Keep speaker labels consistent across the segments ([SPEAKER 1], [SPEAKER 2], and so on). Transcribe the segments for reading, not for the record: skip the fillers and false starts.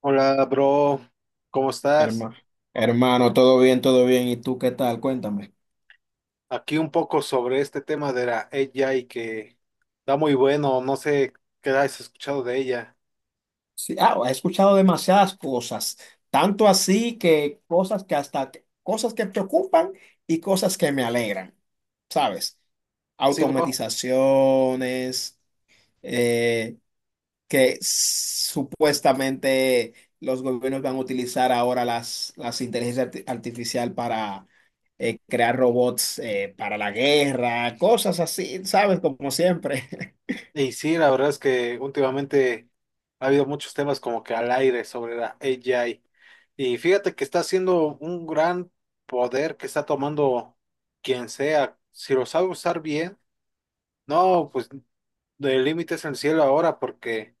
[SPEAKER 1] Hola, bro, ¿cómo estás?
[SPEAKER 2] Hermano, hermano, todo bien, todo bien. ¿Y tú qué tal? Cuéntame.
[SPEAKER 1] Aquí un poco sobre este tema de la AI que da muy bueno, no sé qué has escuchado de ella.
[SPEAKER 2] Sí, he escuchado demasiadas cosas, tanto así que cosas que hasta cosas que preocupan y cosas que me alegran, ¿sabes?
[SPEAKER 1] Sí, bro.
[SPEAKER 2] Automatizaciones, eh, que supuestamente los gobiernos van a utilizar ahora las inteligencias artificial para crear robots para la guerra, cosas así, ¿sabes? Como siempre.
[SPEAKER 1] Y sí, la verdad es que últimamente ha habido muchos temas como que al aire sobre la AI. Y fíjate que está haciendo un gran poder que está tomando quien sea. Si lo sabe usar bien, no, pues de límites al cielo ahora porque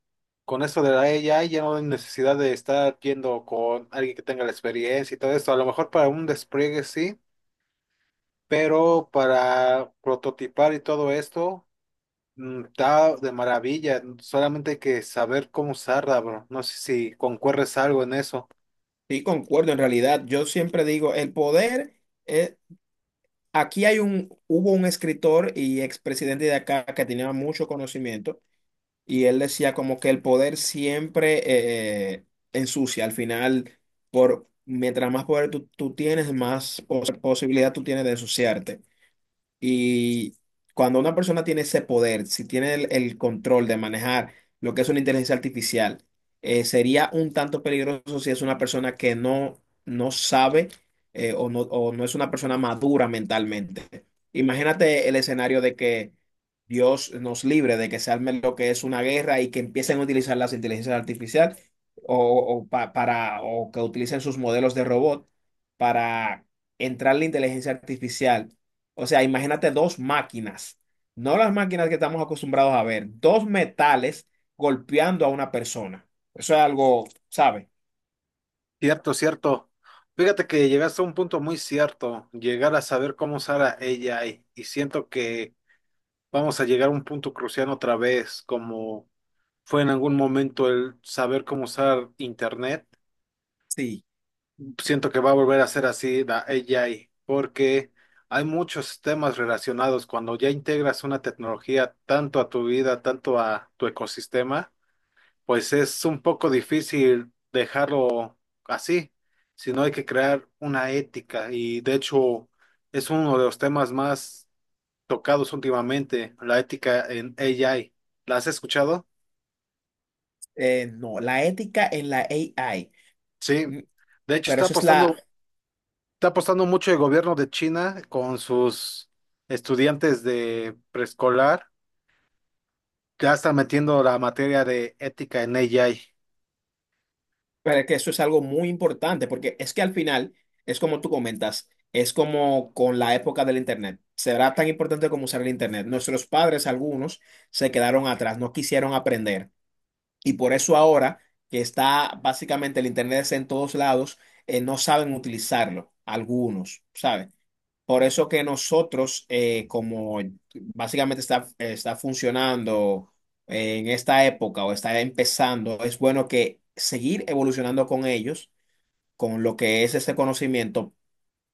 [SPEAKER 1] con esto de la AI ya no hay necesidad de estar yendo con alguien que tenga la experiencia y todo esto. A lo mejor para un despliegue sí, pero para prototipar y todo esto está de maravilla. Solamente hay que saber cómo usarla, bro. No sé si concuerres algo en eso.
[SPEAKER 2] Sí, concuerdo, en realidad, yo siempre digo, el poder, eh, aquí hubo un escritor y expresidente de acá que tenía mucho conocimiento y él decía como que el poder siempre ensucia, al final, mientras más poder tú tienes, más posibilidad tú tienes de ensuciarte. Y cuando una persona tiene ese poder, si tiene el control de manejar lo que es una inteligencia artificial, sería un tanto peligroso si es una persona que no sabe o no es una persona madura mentalmente. Imagínate el escenario de que Dios nos libre de que se arme lo que es una guerra y que empiecen a utilizar las inteligencias artificiales para, o que utilicen sus modelos de robot para entrar la inteligencia artificial. O sea, imagínate dos máquinas, no las máquinas que estamos acostumbrados a ver, dos metales golpeando a una persona. Eso es algo, ¿sabe?
[SPEAKER 1] Cierto, cierto. Fíjate que llegaste a un punto muy cierto, llegar a saber cómo usar a AI y siento que vamos a llegar a un punto crucial otra vez, como fue en algún momento el saber cómo usar internet.
[SPEAKER 2] Sí,
[SPEAKER 1] Siento que va a volver a ser así la AI, porque hay muchos temas relacionados. Cuando ya integras una tecnología tanto a tu vida, tanto a tu ecosistema, pues es un poco difícil dejarlo así, sino hay que crear una ética. Y de hecho, es uno de los temas más tocados últimamente, la ética en AI. ¿La has escuchado?
[SPEAKER 2] no, la ética en la AI,
[SPEAKER 1] Sí.
[SPEAKER 2] mm,
[SPEAKER 1] De hecho,
[SPEAKER 2] pero
[SPEAKER 1] está
[SPEAKER 2] eso es la,
[SPEAKER 1] apostando Está apostando mucho el gobierno de China con sus estudiantes de preescolar. Ya están metiendo la materia de ética en AI.
[SPEAKER 2] pero es que eso es algo muy importante, porque es que al final, es como tú comentas, es como con la época del Internet. Será tan importante como usar el Internet. Nuestros padres, algunos, se quedaron atrás, no quisieron aprender. Y por eso ahora que está básicamente el Internet está en todos lados, no saben utilizarlo, algunos, ¿saben? Por eso que nosotros, como básicamente está funcionando en esta época o está empezando, es bueno que seguir evolucionando con ellos, con lo que es ese conocimiento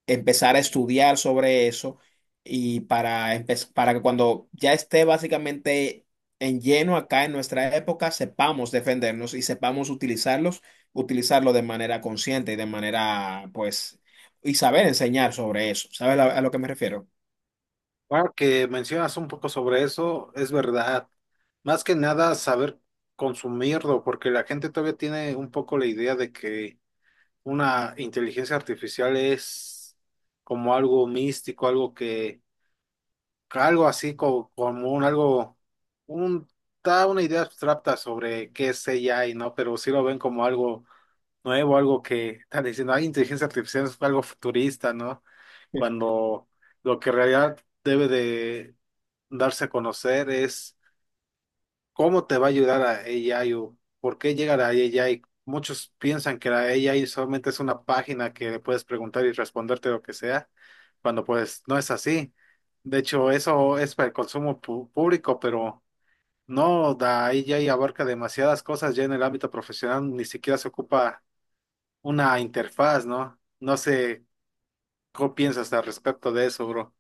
[SPEAKER 2] empezar a estudiar sobre eso y para que cuando ya esté básicamente en lleno acá en nuestra época, sepamos defendernos y sepamos utilizarlos, utilizarlo de manera consciente y de manera, pues, y saber enseñar sobre eso. ¿Sabes a lo que me refiero?
[SPEAKER 1] Ahora que mencionas un poco sobre eso, es verdad. Más que nada saber consumirlo, porque la gente todavía tiene un poco la idea de que una inteligencia artificial es como algo místico, algo que algo así como, un algo, un, da una idea abstracta sobre qué es AI, ¿no? Pero sí lo ven como algo nuevo, algo que están diciendo, ay, inteligencia artificial es algo futurista, ¿no? Cuando lo que en realidad debe de darse a conocer es, ¿cómo te va a ayudar a AI o por qué llegar a AI? Muchos piensan que la AI solamente es una página que le puedes preguntar y responderte lo que sea, cuando pues no es así. De hecho, eso es para el consumo público, pero no, la AI abarca demasiadas cosas ya en el ámbito profesional, ni siquiera se ocupa una interfaz, ¿no? No sé, ¿qué piensas al respecto de eso, bro?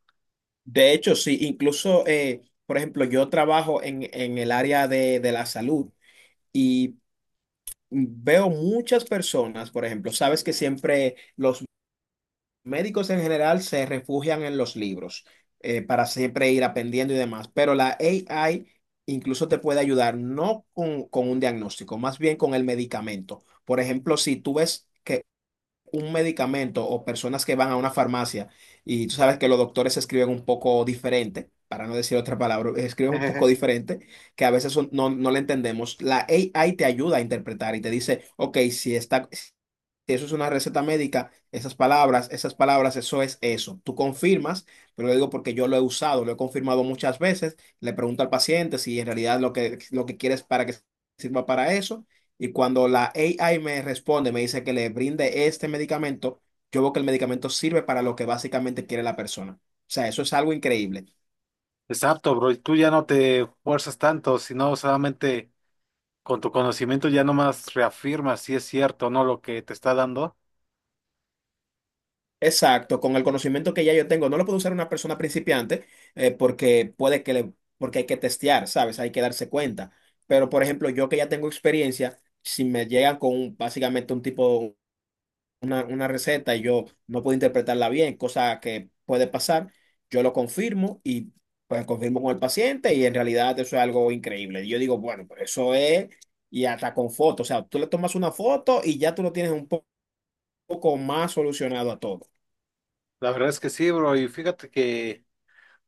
[SPEAKER 2] De hecho, sí, incluso, por ejemplo, yo trabajo en el área de la salud y veo muchas personas, por ejemplo, sabes que siempre los médicos en general se refugian en los libros para siempre ir aprendiendo y demás, pero la AI incluso te puede ayudar no con un diagnóstico, más bien con el medicamento. Por ejemplo, si tú ves que un medicamento o personas que van a una farmacia y tú sabes que los doctores escriben un poco diferente, para no decir otra palabra, escriben un poco diferente, que a veces no, no le entendemos. La AI te ayuda a interpretar y te dice, ok, si está, si eso es una receta médica, esas palabras, eso es eso. Tú confirmas, pero lo digo porque yo lo he usado, lo he confirmado muchas veces, le pregunto al paciente si en realidad lo que quieres para que sirva para eso y cuando la AI me responde, me dice que le brinde este medicamento, yo veo que el medicamento sirve para lo que básicamente quiere la persona. O sea, eso es algo increíble.
[SPEAKER 1] Exacto, bro, y tú ya no te fuerzas tanto, sino solamente con tu conocimiento ya nomás reafirmas si es cierto o no lo que te está dando.
[SPEAKER 2] Exacto, con el conocimiento que ya yo tengo, no lo puede usar una persona principiante porque porque hay que testear, ¿sabes? Hay que darse cuenta. Pero, por ejemplo, yo que ya tengo experiencia, si me llegan con básicamente un tipo una receta y yo no puedo interpretarla bien, cosa que puede pasar, yo lo confirmo y pues confirmo con el paciente y en realidad eso es algo increíble. Y yo digo, bueno, pues eso es, y hasta con fotos, o sea, tú le tomas una foto y ya tú lo tienes un poco más solucionado a todo.
[SPEAKER 1] La verdad es que sí, bro. Y fíjate que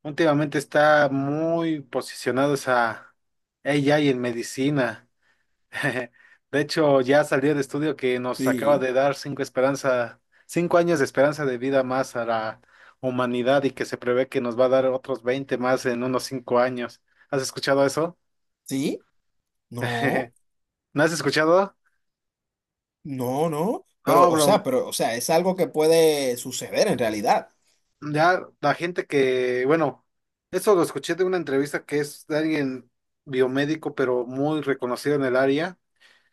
[SPEAKER 1] últimamente está muy posicionado esa AI en medicina. De hecho, ya salió el estudio que nos acaba
[SPEAKER 2] Sí,
[SPEAKER 1] de dar 5 años de esperanza de vida más a la humanidad y que se prevé que nos va a dar otros 20 más en unos 5 años. ¿Has escuchado eso?
[SPEAKER 2] sí, no,
[SPEAKER 1] ¿No has escuchado?
[SPEAKER 2] no, no,
[SPEAKER 1] No, bro.
[SPEAKER 2] pero o sea, es algo que puede suceder en realidad,
[SPEAKER 1] Ya la gente que, bueno, eso lo escuché de una entrevista que es de alguien biomédico, pero muy reconocido en el área,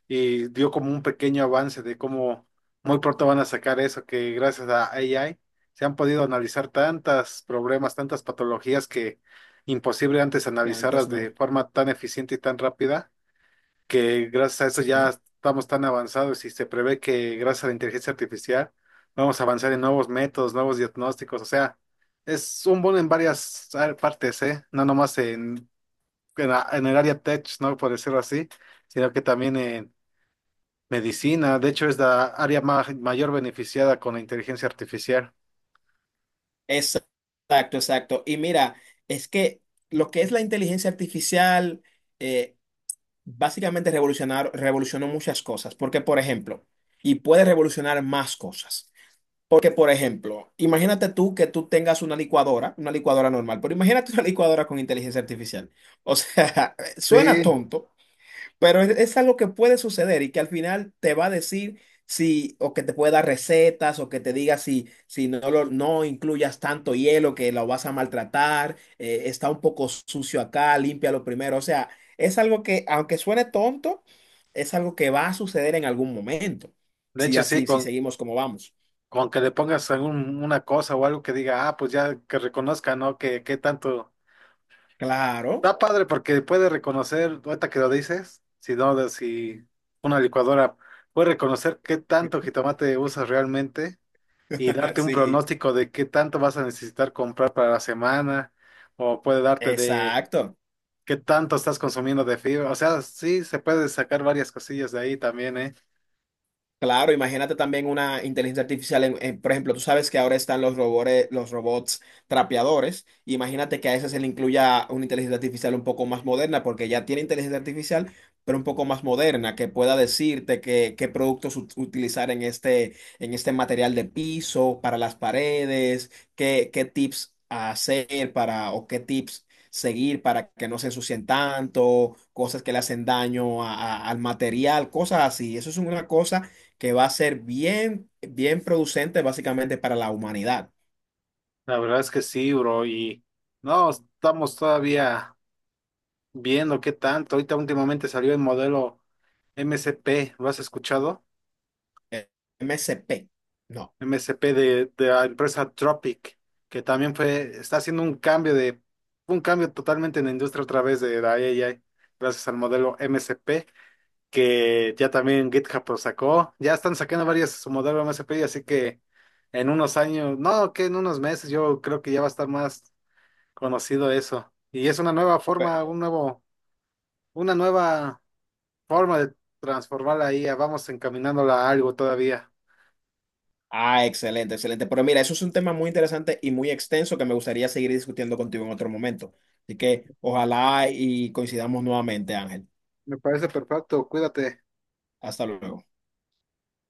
[SPEAKER 1] y dio como un pequeño avance de cómo muy pronto van a sacar eso, que gracias a AI se han podido analizar tantas problemas, tantas patologías que imposible antes
[SPEAKER 2] que
[SPEAKER 1] analizarlas
[SPEAKER 2] antes no.
[SPEAKER 1] de forma tan eficiente y tan rápida que gracias a eso ya
[SPEAKER 2] Sí.
[SPEAKER 1] estamos tan avanzados y se prevé que gracias a la inteligencia artificial vamos a avanzar en nuevos métodos, nuevos diagnósticos, o sea, es un bono en varias partes, ¿eh? No nomás en en el área tech, ¿no? Por decirlo así, sino que también en medicina, de hecho es la área mayor beneficiada con la inteligencia artificial.
[SPEAKER 2] Exacto, exacto. Y mira, es que lo que es la inteligencia artificial eh, básicamente revolucionó muchas cosas, porque por ejemplo, y puede revolucionar más cosas. Porque por ejemplo, imagínate tú que tú tengas una licuadora normal, pero imagínate una licuadora con inteligencia artificial. O sea, suena
[SPEAKER 1] Sí,
[SPEAKER 2] tonto, pero es algo que puede suceder y que al final te va a decir si, o que te puede dar recetas, o que te diga si, si no, no incluyas tanto hielo que lo vas a maltratar, está un poco sucio acá, límpialo primero. O sea, es algo que, aunque suene tonto, es algo que va a suceder en algún momento.
[SPEAKER 1] de
[SPEAKER 2] Si
[SPEAKER 1] hecho sí,
[SPEAKER 2] así, si
[SPEAKER 1] con.
[SPEAKER 2] seguimos como vamos.
[SPEAKER 1] Con que le pongas una cosa o algo que diga, ah, pues ya que reconozca, ¿no? Que tanto.
[SPEAKER 2] Claro,
[SPEAKER 1] Está padre porque puede reconocer, ahorita que lo dices, si no, si una licuadora puede reconocer qué tanto jitomate usas realmente y darte un
[SPEAKER 2] sí,
[SPEAKER 1] pronóstico de qué tanto vas a necesitar comprar para la semana, o puede darte de
[SPEAKER 2] exacto.
[SPEAKER 1] qué tanto estás consumiendo de fibra. O sea, sí, se puede sacar varias cosillas de ahí también, ¿eh?
[SPEAKER 2] Claro, imagínate también una inteligencia artificial. Por ejemplo, tú sabes que ahora están los robores, los robots trapeadores. Imagínate que a ese se le incluya una inteligencia artificial un poco más moderna, porque ya tiene inteligencia artificial, pero un poco más moderna, que pueda decirte qué productos utilizar en este material de piso, para las paredes, qué, qué tips hacer para, o qué tips seguir para que no se ensucien tanto, cosas que le hacen daño al material, cosas así. Eso es una cosa que va a ser bien, bien producente básicamente para la humanidad.
[SPEAKER 1] La verdad es que sí, bro, y no, estamos todavía viendo qué tanto. Ahorita últimamente salió el modelo MCP, ¿lo has escuchado?
[SPEAKER 2] Eh, MSP. No.
[SPEAKER 1] MSP de la empresa Tropic, que también fue, está haciendo un cambio totalmente en la industria a través de la AI, gracias al modelo MSP, que ya también GitHub lo sacó, ya están sacando varias su modelo MSP, así que en unos años, no, que en unos meses yo creo que ya va a estar más conocido eso. Y es una nueva
[SPEAKER 2] Eh,
[SPEAKER 1] forma, una nueva forma de transformar la IA, vamos encaminándola a algo todavía.
[SPEAKER 2] ah, excelente, excelente. Pero mira, eso es un tema muy interesante y muy extenso que me gustaría seguir discutiendo contigo en otro momento. Así que ojalá y coincidamos nuevamente, Ángel.
[SPEAKER 1] Me parece perfecto, cuídate.
[SPEAKER 2] Hasta luego.